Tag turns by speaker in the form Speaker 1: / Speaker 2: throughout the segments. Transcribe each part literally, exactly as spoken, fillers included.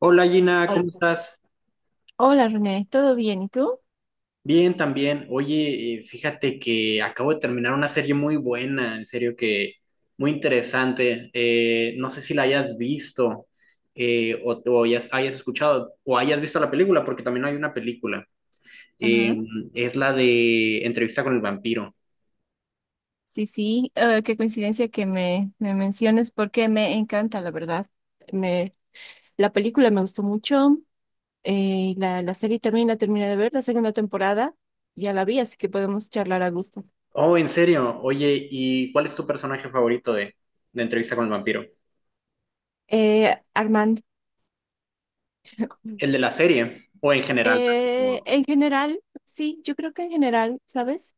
Speaker 1: Hola Gina, ¿cómo estás?
Speaker 2: Hola René, ¿todo bien? ¿Y tú?
Speaker 1: Bien, también. Oye, eh, fíjate que acabo de terminar una serie muy buena, en serio que muy interesante. Eh, no sé si la hayas visto eh, o, o hayas, hayas escuchado o hayas visto la película, porque también hay una película.
Speaker 2: Ajá.
Speaker 1: Eh, es la de Entrevista con el vampiro.
Speaker 2: Sí, sí, eh, qué coincidencia que me, me menciones porque me encanta, la verdad. Me, la película me gustó mucho, eh, la, la serie también la terminé de ver, la segunda temporada ya la vi, así que podemos charlar a gusto.
Speaker 1: Oh, en serio. Oye, ¿y cuál es tu personaje favorito de, de Entrevista con el vampiro?
Speaker 2: Eh, Armand.
Speaker 1: ¿El de la serie o en general? Así
Speaker 2: Eh,
Speaker 1: como,
Speaker 2: en general, sí, yo creo que en general, ¿sabes?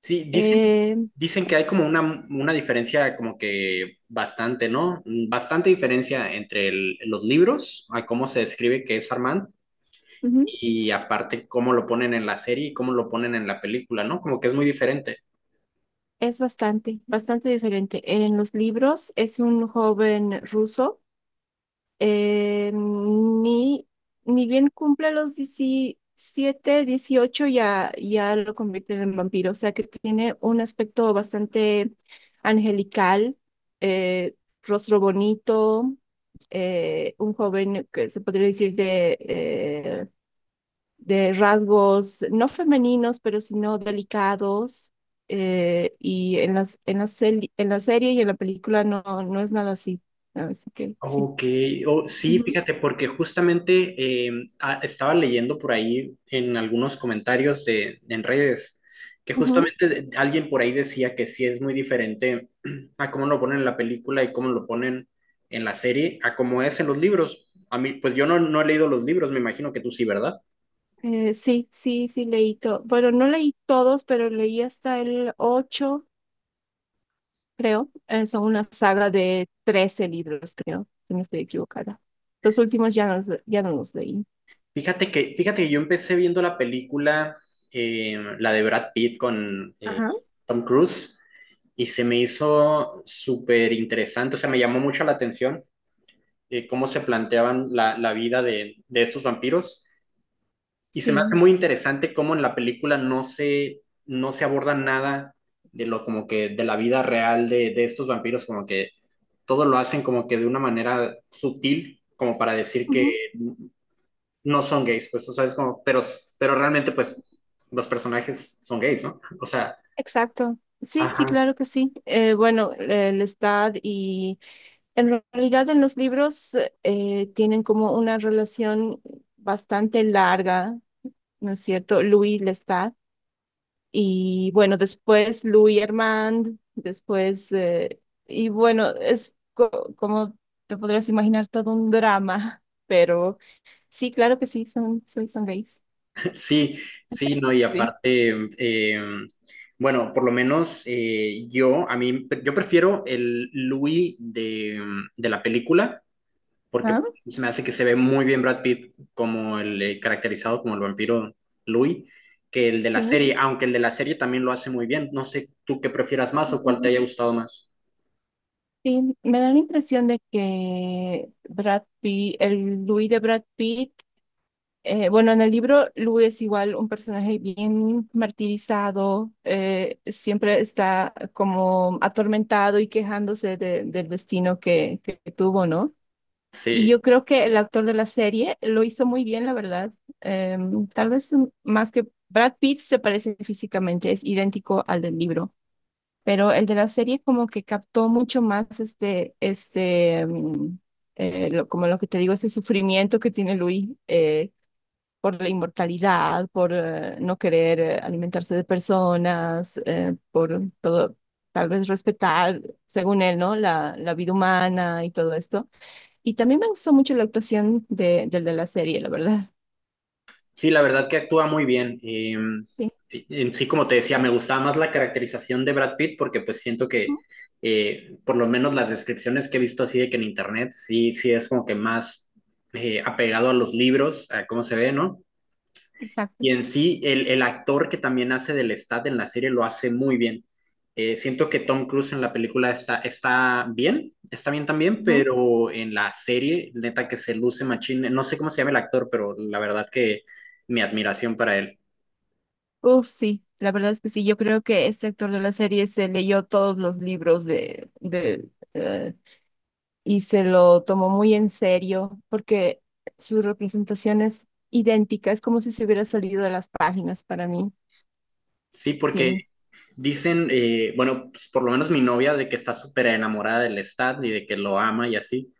Speaker 1: sí, dicen,
Speaker 2: Eh,
Speaker 1: dicen que hay como una, una diferencia como que bastante, ¿no? Bastante diferencia entre el- los libros, a cómo se describe que es Armand,
Speaker 2: ujú,
Speaker 1: y aparte cómo lo ponen en la serie y cómo lo ponen en la película, ¿no? Como que es muy diferente.
Speaker 2: es bastante, bastante diferente. En los libros es un joven ruso. eh, ni, Ni bien cumple los diecisiete dieciocho, ya, ya lo convierten en vampiro. O sea que tiene un aspecto bastante angelical, eh, rostro bonito, eh, un joven que se podría decir de, eh, de rasgos no femeninos, pero sino delicados. Eh, y en las, en la seli- en la serie y en la película no, no es nada así. Así que sí.
Speaker 1: Ok, oh, sí,
Speaker 2: Ujú,
Speaker 1: fíjate, porque justamente eh, ah, estaba leyendo por ahí en algunos comentarios de, en redes que
Speaker 2: ujú.
Speaker 1: justamente de- alguien por ahí decía que sí es muy diferente a cómo lo ponen en la película y cómo lo ponen en la serie a cómo es en los libros. A mí, pues yo no, no he leído los libros, me imagino que tú sí, ¿verdad?
Speaker 2: Eh, sí, sí, sí, leí todo. Bueno, no leí todos, pero leí hasta el ocho, creo. Eh, son una saga de trece libros, creo, si no estoy equivocada. Los últimos ya no, los- ya no los leí.
Speaker 1: Fíjate que, fíjate que yo empecé viendo la película, eh, la de Brad Pitt con eh,
Speaker 2: Ajá.
Speaker 1: Tom Cruise, y se me hizo súper interesante, o sea, me llamó mucho la atención, eh, cómo se planteaban la, la vida de, de estos vampiros, y se me hace
Speaker 2: Sí.
Speaker 1: muy interesante cómo en la película no se, no se aborda nada de lo como que de la vida real de, de estos vampiros, como que todo lo hacen como que de una manera sutil, como para decir que
Speaker 2: Ujú.
Speaker 1: no son gays, pues, o sea, es como, pero, pero realmente, pues, los personajes son gays, ¿no? O sea,
Speaker 2: Exacto. Sí, sí,
Speaker 1: ajá,
Speaker 2: claro que sí. Eh, bueno, el estado y en realidad en los libros eh, tienen como una relación bastante larga, ¿no es cierto? Louis Lestat. Y bueno, después Louis Armand, después, eh, y bueno, es co- como te podrás imaginar todo un drama, pero sí, claro que sí, son, son, son gays.
Speaker 1: sí, sí, no, y
Speaker 2: Sí.
Speaker 1: aparte, eh, bueno, por lo menos eh, yo, a mí, yo prefiero el Louis de, de la película, porque
Speaker 2: Ajá,
Speaker 1: se me hace que se ve muy bien Brad Pitt como el eh, caracterizado como el vampiro Louis, que el de la
Speaker 2: sí.
Speaker 1: serie, aunque el de la serie también lo hace muy bien. No sé tú qué prefieras más
Speaker 2: Y
Speaker 1: o cuál te haya gustado más.
Speaker 2: y me da la impresión de que Brad Pitt, el Louis de Brad Pitt... Eh, bueno, en el libro Lu es igual un personaje bien martirizado, eh, siempre está como atormentado y quejándose de- del destino que, que tuvo, ¿no? Y yo
Speaker 1: Sí.
Speaker 2: creo que el actor de la serie lo hizo muy bien, la verdad. Em, tal vez mm, más que Brad Pitt se parece físicamente, es idéntico al del libro, pero el de la serie como que captó mucho más este, este, mm, eh, lo- como lo que te digo, ese sufrimiento que tiene Louis. Eh, por la inmortalidad, por eh, no querer eh, alimentarse de personas, eh, por todo, tal vez respetar, según él, ¿no? La, la vida humana y todo esto. Y también me gustó mucho la actuación de, del de la serie, la verdad.
Speaker 1: Sí, la verdad que actúa muy bien. Eh,
Speaker 2: Sí.
Speaker 1: en sí, como te decía, me gustaba más la caracterización de Brad Pitt porque pues siento que
Speaker 2: Ujú.
Speaker 1: eh, por lo menos las descripciones que he visto así de que en internet sí, sí es como que más eh, apegado a los libros, a cómo se ve, ¿no?
Speaker 2: Exacto.
Speaker 1: Y en sí, el, el actor que también hace del Stat en la serie lo hace muy bien. Eh, siento que Tom Cruise en la película está, está bien, está bien también,
Speaker 2: Ujú.
Speaker 1: pero en la serie, neta que se luce machín. No sé cómo se llama el actor, pero la verdad que mi admiración para él.
Speaker 2: Uf, sí. La verdad es que sí, yo creo que este actor de la serie se leyó todos los libros de, de, eh, y se lo tomó muy en serio porque su representación es idéntica, es como si se hubiera salido de las páginas para mí.
Speaker 1: Sí, porque
Speaker 2: Sí.
Speaker 1: dicen, eh, bueno, pues por lo menos mi novia, de que está súper enamorada del Stat y de que lo ama y así.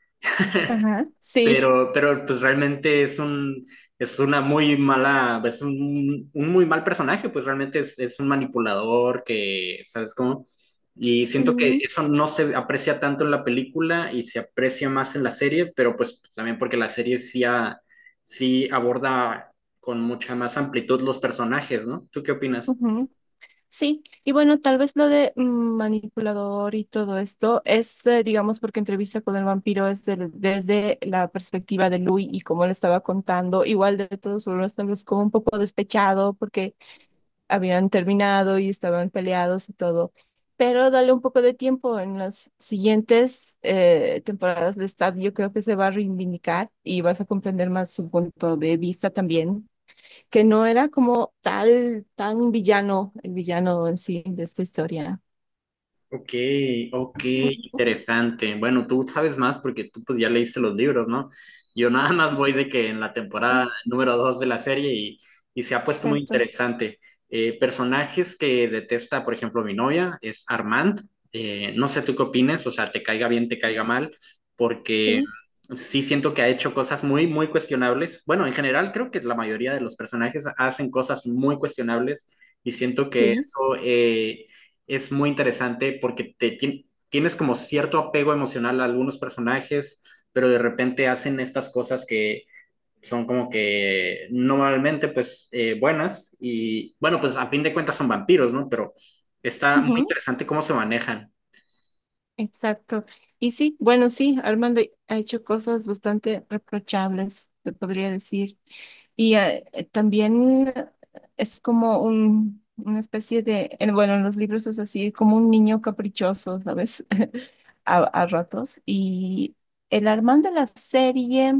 Speaker 2: Ajá. Sí.
Speaker 1: Pero, pero pues realmente es un, es una muy mala, es un, un muy mal personaje, pues realmente es, es un manipulador que, ¿sabes cómo? Y siento
Speaker 2: Ujú,
Speaker 1: que eso no se aprecia tanto en la película y se aprecia más en la serie, pero pues, pues, también porque la serie sí, a- sí aborda con mucha más amplitud los personajes, ¿no? ¿Tú qué opinas?
Speaker 2: ujú. Sí, y bueno, tal vez lo de mm, manipulador y todo esto es, eh, digamos, porque entrevista con el vampiro es del- desde la perspectiva de Louis y como le estaba contando, igual de todos formas, tal vez como un poco despechado porque habían terminado y estaban peleados y todo. Pero dale un poco de tiempo. En las siguientes eh, temporadas de Stab, yo creo que se va a reivindicar y vas a comprender más su punto de vista también, que no era como tal, tan villano, el villano en sí de esta historia.
Speaker 1: Ok, ok,
Speaker 2: Mm,
Speaker 1: interesante. Bueno, tú sabes más porque tú pues ya leíste los libros, ¿no? Yo nada más
Speaker 2: sí,
Speaker 1: voy de que en la
Speaker 2: ah,
Speaker 1: temporada número dos de la serie y, y se ha puesto muy
Speaker 2: exacto.
Speaker 1: interesante. Eh, personajes que detesta, por ejemplo, mi novia es Armand. Eh, no sé tú qué opines, o sea, te caiga bien, te caiga mal, porque
Speaker 2: Sí,
Speaker 1: sí siento que ha hecho cosas muy, muy cuestionables. Bueno, en general creo que la mayoría de los personajes hacen cosas muy cuestionables y siento que
Speaker 2: sí.
Speaker 1: eso... eh, es muy interesante porque te, ti- tienes como cierto apego emocional a algunos personajes, pero de repente hacen estas cosas que son como que normalmente pues eh, buenas y bueno, pues a fin de cuentas son vampiros, ¿no? Pero está muy interesante cómo se manejan.
Speaker 2: Exacto. Y sí, bueno, sí, Armando ha hecho cosas bastante reprochables, te podría decir. Y eh, eh, también es como un, una especie de, en- bueno, en los libros es así, como un niño caprichoso, ¿sabes? A, a ratos. Y el Armando de la serie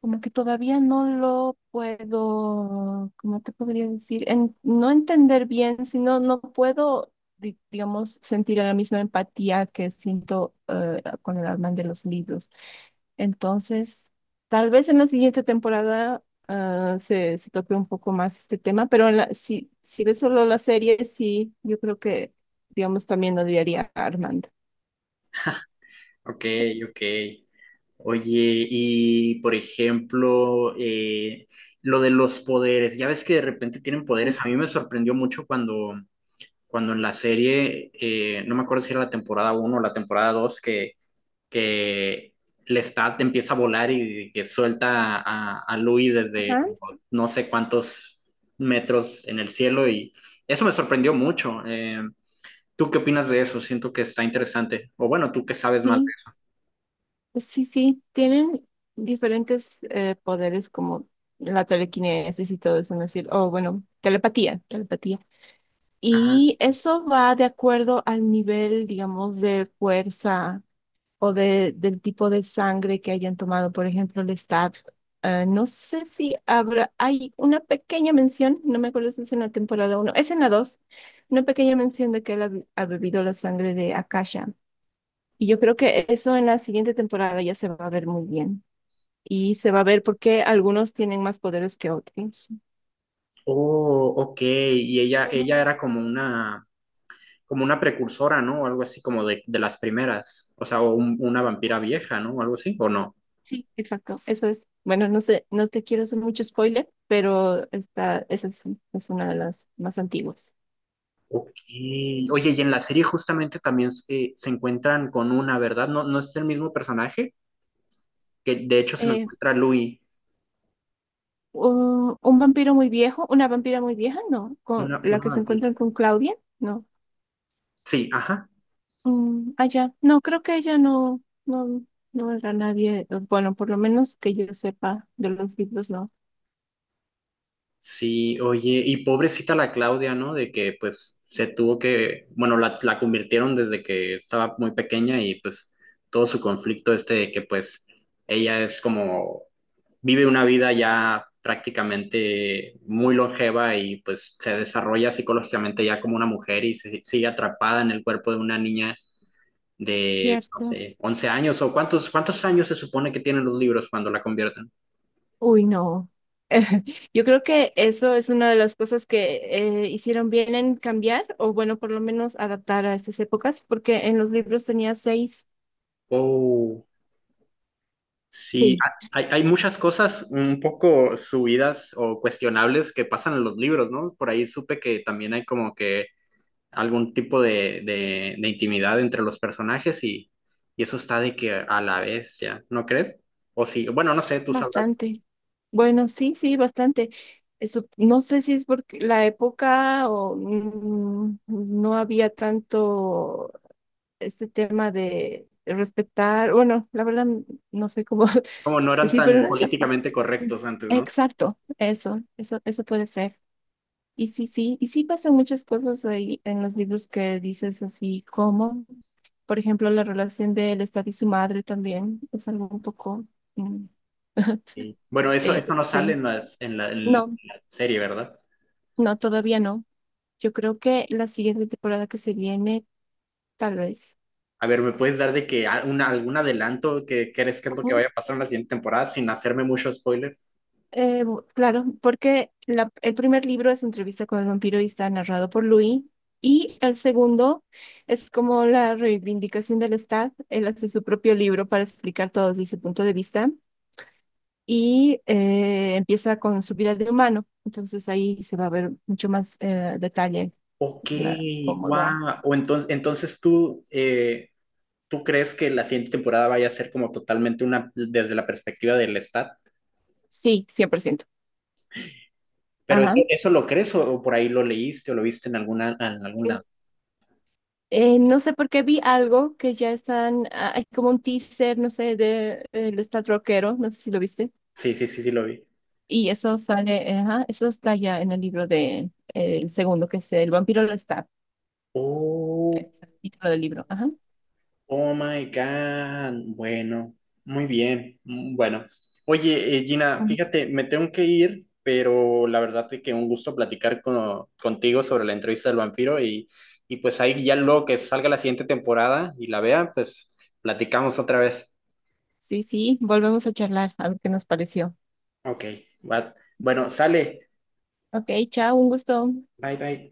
Speaker 2: como que todavía no lo puedo, ¿cómo te podría decir? En- no entender bien, sino no puedo, di- digamos, sentir la misma empatía que siento eh, con el Alman de los libros. Entonces, tal vez en la siguiente temporada ah, se, se toque un poco más este tema, pero en la- si, si ves solo la serie, sí, yo creo que, digamos, también odiaría a Armand.
Speaker 1: Ok, ok. Oye, y por ejemplo, eh, lo de los poderes, ya ves que de repente tienen
Speaker 2: Ujú.
Speaker 1: poderes, a mí me sorprendió mucho cuando cuando en la serie, eh, no me acuerdo si era la temporada uno o la temporada dos que, que Lestat empieza a volar y que suelta a, a Louis desde
Speaker 2: Ajá.
Speaker 1: como no sé cuántos metros en el cielo y eso me sorprendió mucho. Eh, ¿Tú qué opinas de eso? Siento que está interesante. O bueno, tú que sabes más
Speaker 2: Sí.
Speaker 1: de...
Speaker 2: Sí, sí, tienen diferentes eh, poderes como la telequinesis y todo eso, ¿no es decir? O bueno, telepatía, telepatía.
Speaker 1: Ah,
Speaker 2: Y eso va de acuerdo al nivel, digamos, de fuerza o de, del tipo de sangre que hayan tomado. Por ejemplo, el Stab. Eh, no sé si habrá, hay una pequeña mención, no me acuerdo si es en la temporada uno, es en la dos. Una pequeña mención de que él ha, ha bebido la sangre de Akasha. Y yo creo que eso en la siguiente temporada ya se va a ver muy bien y se va a ver por qué algunos tienen más poderes que otros.
Speaker 1: oh, ok. Y ella,
Speaker 2: Ujú.
Speaker 1: ella era como una, como una precursora, ¿no? O algo así como de, de las primeras. O sea, o un- una vampira vieja, ¿no? O algo así, ¿o no?
Speaker 2: Sí, exacto, eso es. Bueno, no sé, no te quiero hacer mucho spoiler, pero esta, esa es, es una de las más antiguas.
Speaker 1: Ok. Oye, y en la serie justamente también eh, se encuentran con una, ¿verdad? No, no es el mismo personaje, que de hecho se lo
Speaker 2: Eh,
Speaker 1: encuentra Louis,
Speaker 2: u- un vampiro muy viejo, una vampira muy vieja, no, con
Speaker 1: una,
Speaker 2: la
Speaker 1: una
Speaker 2: que se
Speaker 1: vampira.
Speaker 2: encuentran con Claudia, no.
Speaker 1: Sí, ajá.
Speaker 2: Mm, ah, ya, no, creo que ella no, no, no era nadie, eh, bueno, por lo menos que yo sepa de los libros, no.
Speaker 1: Sí, oye, y pobrecita la Claudia, ¿no? De que pues se tuvo que, bueno, la, la convirtieron desde que estaba muy pequeña y pues todo su conflicto este de que pues ella es como, vive una vida ya prácticamente muy longeva y pues se desarrolla psicológicamente ya como una mujer y se sigue atrapada en el cuerpo de una niña
Speaker 2: Es
Speaker 1: de, no
Speaker 2: cierto.
Speaker 1: sé, once años o cuántos, cuántos años se supone que tienen los libros cuando la convierten.
Speaker 2: Uy, no. Yo creo que eso es una de las cosas que eh, hicieron bien en cambiar, o bueno, por lo menos adaptar a estas épocas, porque en los libros tenía seis.
Speaker 1: Oh. Sí,
Speaker 2: Sí,
Speaker 1: ha- hay, hay muchas cosas un poco subidas o cuestionables que pasan en los libros, ¿no? Por ahí supe que también hay como que algún tipo de, de, de intimidad entre los personajes y, y eso está de que a la vez, ¿ya? ¿No crees? O sí, bueno, no sé, tú sabrás,
Speaker 2: bastante. Bueno, sí, sí, bastante. Eso, no sé si es porque la época o mm, no había tanto este tema de respetar, bueno, la verdad no sé cómo
Speaker 1: como no eran
Speaker 2: decir, pero en
Speaker 1: tan
Speaker 2: esa pa-
Speaker 1: políticamente correctos antes, ¿no?
Speaker 2: exacto, eso, eso, eso puede ser. Y sí, sí, y sí pasan muchas cosas ahí en los libros que dices así como, por ejemplo, la relación de él está y su madre también es algo un poco... mm,
Speaker 1: Sí. Bueno, eso, eso
Speaker 2: eh,
Speaker 1: no sale
Speaker 2: sí,
Speaker 1: en las, en la, en
Speaker 2: no,
Speaker 1: la serie, ¿verdad?
Speaker 2: no, todavía no. Yo creo que la siguiente temporada que se viene, tal vez.
Speaker 1: A ver, ¿me puedes dar de que a- una- algún adelanto que crees que es lo que vaya a pasar en la siguiente temporada sin hacerme mucho spoiler?
Speaker 2: Eh, bu- claro, porque la- el primer libro es Entrevista con el vampiro y está narrado por Louis. Y el segundo es como la reivindicación del Estado. Él hace su propio libro para explicar todo desde su punto de vista y eh, empieza con su vida de humano. Entonces ahí se va a ver mucho más eh, detalle
Speaker 1: Ok,
Speaker 2: la- cómo va.
Speaker 1: wow. O entonces, entonces tú, eh, ¿tú crees que la siguiente temporada vaya a ser como totalmente una desde la perspectiva del Stat?
Speaker 2: Sí, cien por ciento.
Speaker 1: ¿Pero eso,
Speaker 2: Ajá.
Speaker 1: eso lo crees o, o por ahí lo leíste o lo viste en alguna, en algún
Speaker 2: Eh,
Speaker 1: lado?
Speaker 2: eh, no sé por qué vi algo que ya están, ah, hay como un teaser, no sé, de, eh, el Estado rockero, no sé si lo viste.
Speaker 1: Sí, sí, sí, sí, lo vi.
Speaker 2: Y eso sale, eh, ajá, eso está ya en el libro de, el segundo, que es El vampiro lo está,
Speaker 1: Oh.
Speaker 2: es el título del libro. Ajá.
Speaker 1: Oh my God. Bueno, muy bien. mm, Bueno, oye, eh, Gina,
Speaker 2: Ujú.
Speaker 1: fíjate, me tengo que ir, pero la verdad es que un gusto platicar con contigo sobre la entrevista del vampiro y, y pues ahí ya luego que salga la siguiente temporada y la vea, pues platicamos otra vez.
Speaker 2: Sí, sí, volvemos a charlar, a ver qué nos pareció.
Speaker 1: Ok, va. Bueno, sale.
Speaker 2: Ok, chao, un gusto.
Speaker 1: Bye, bye.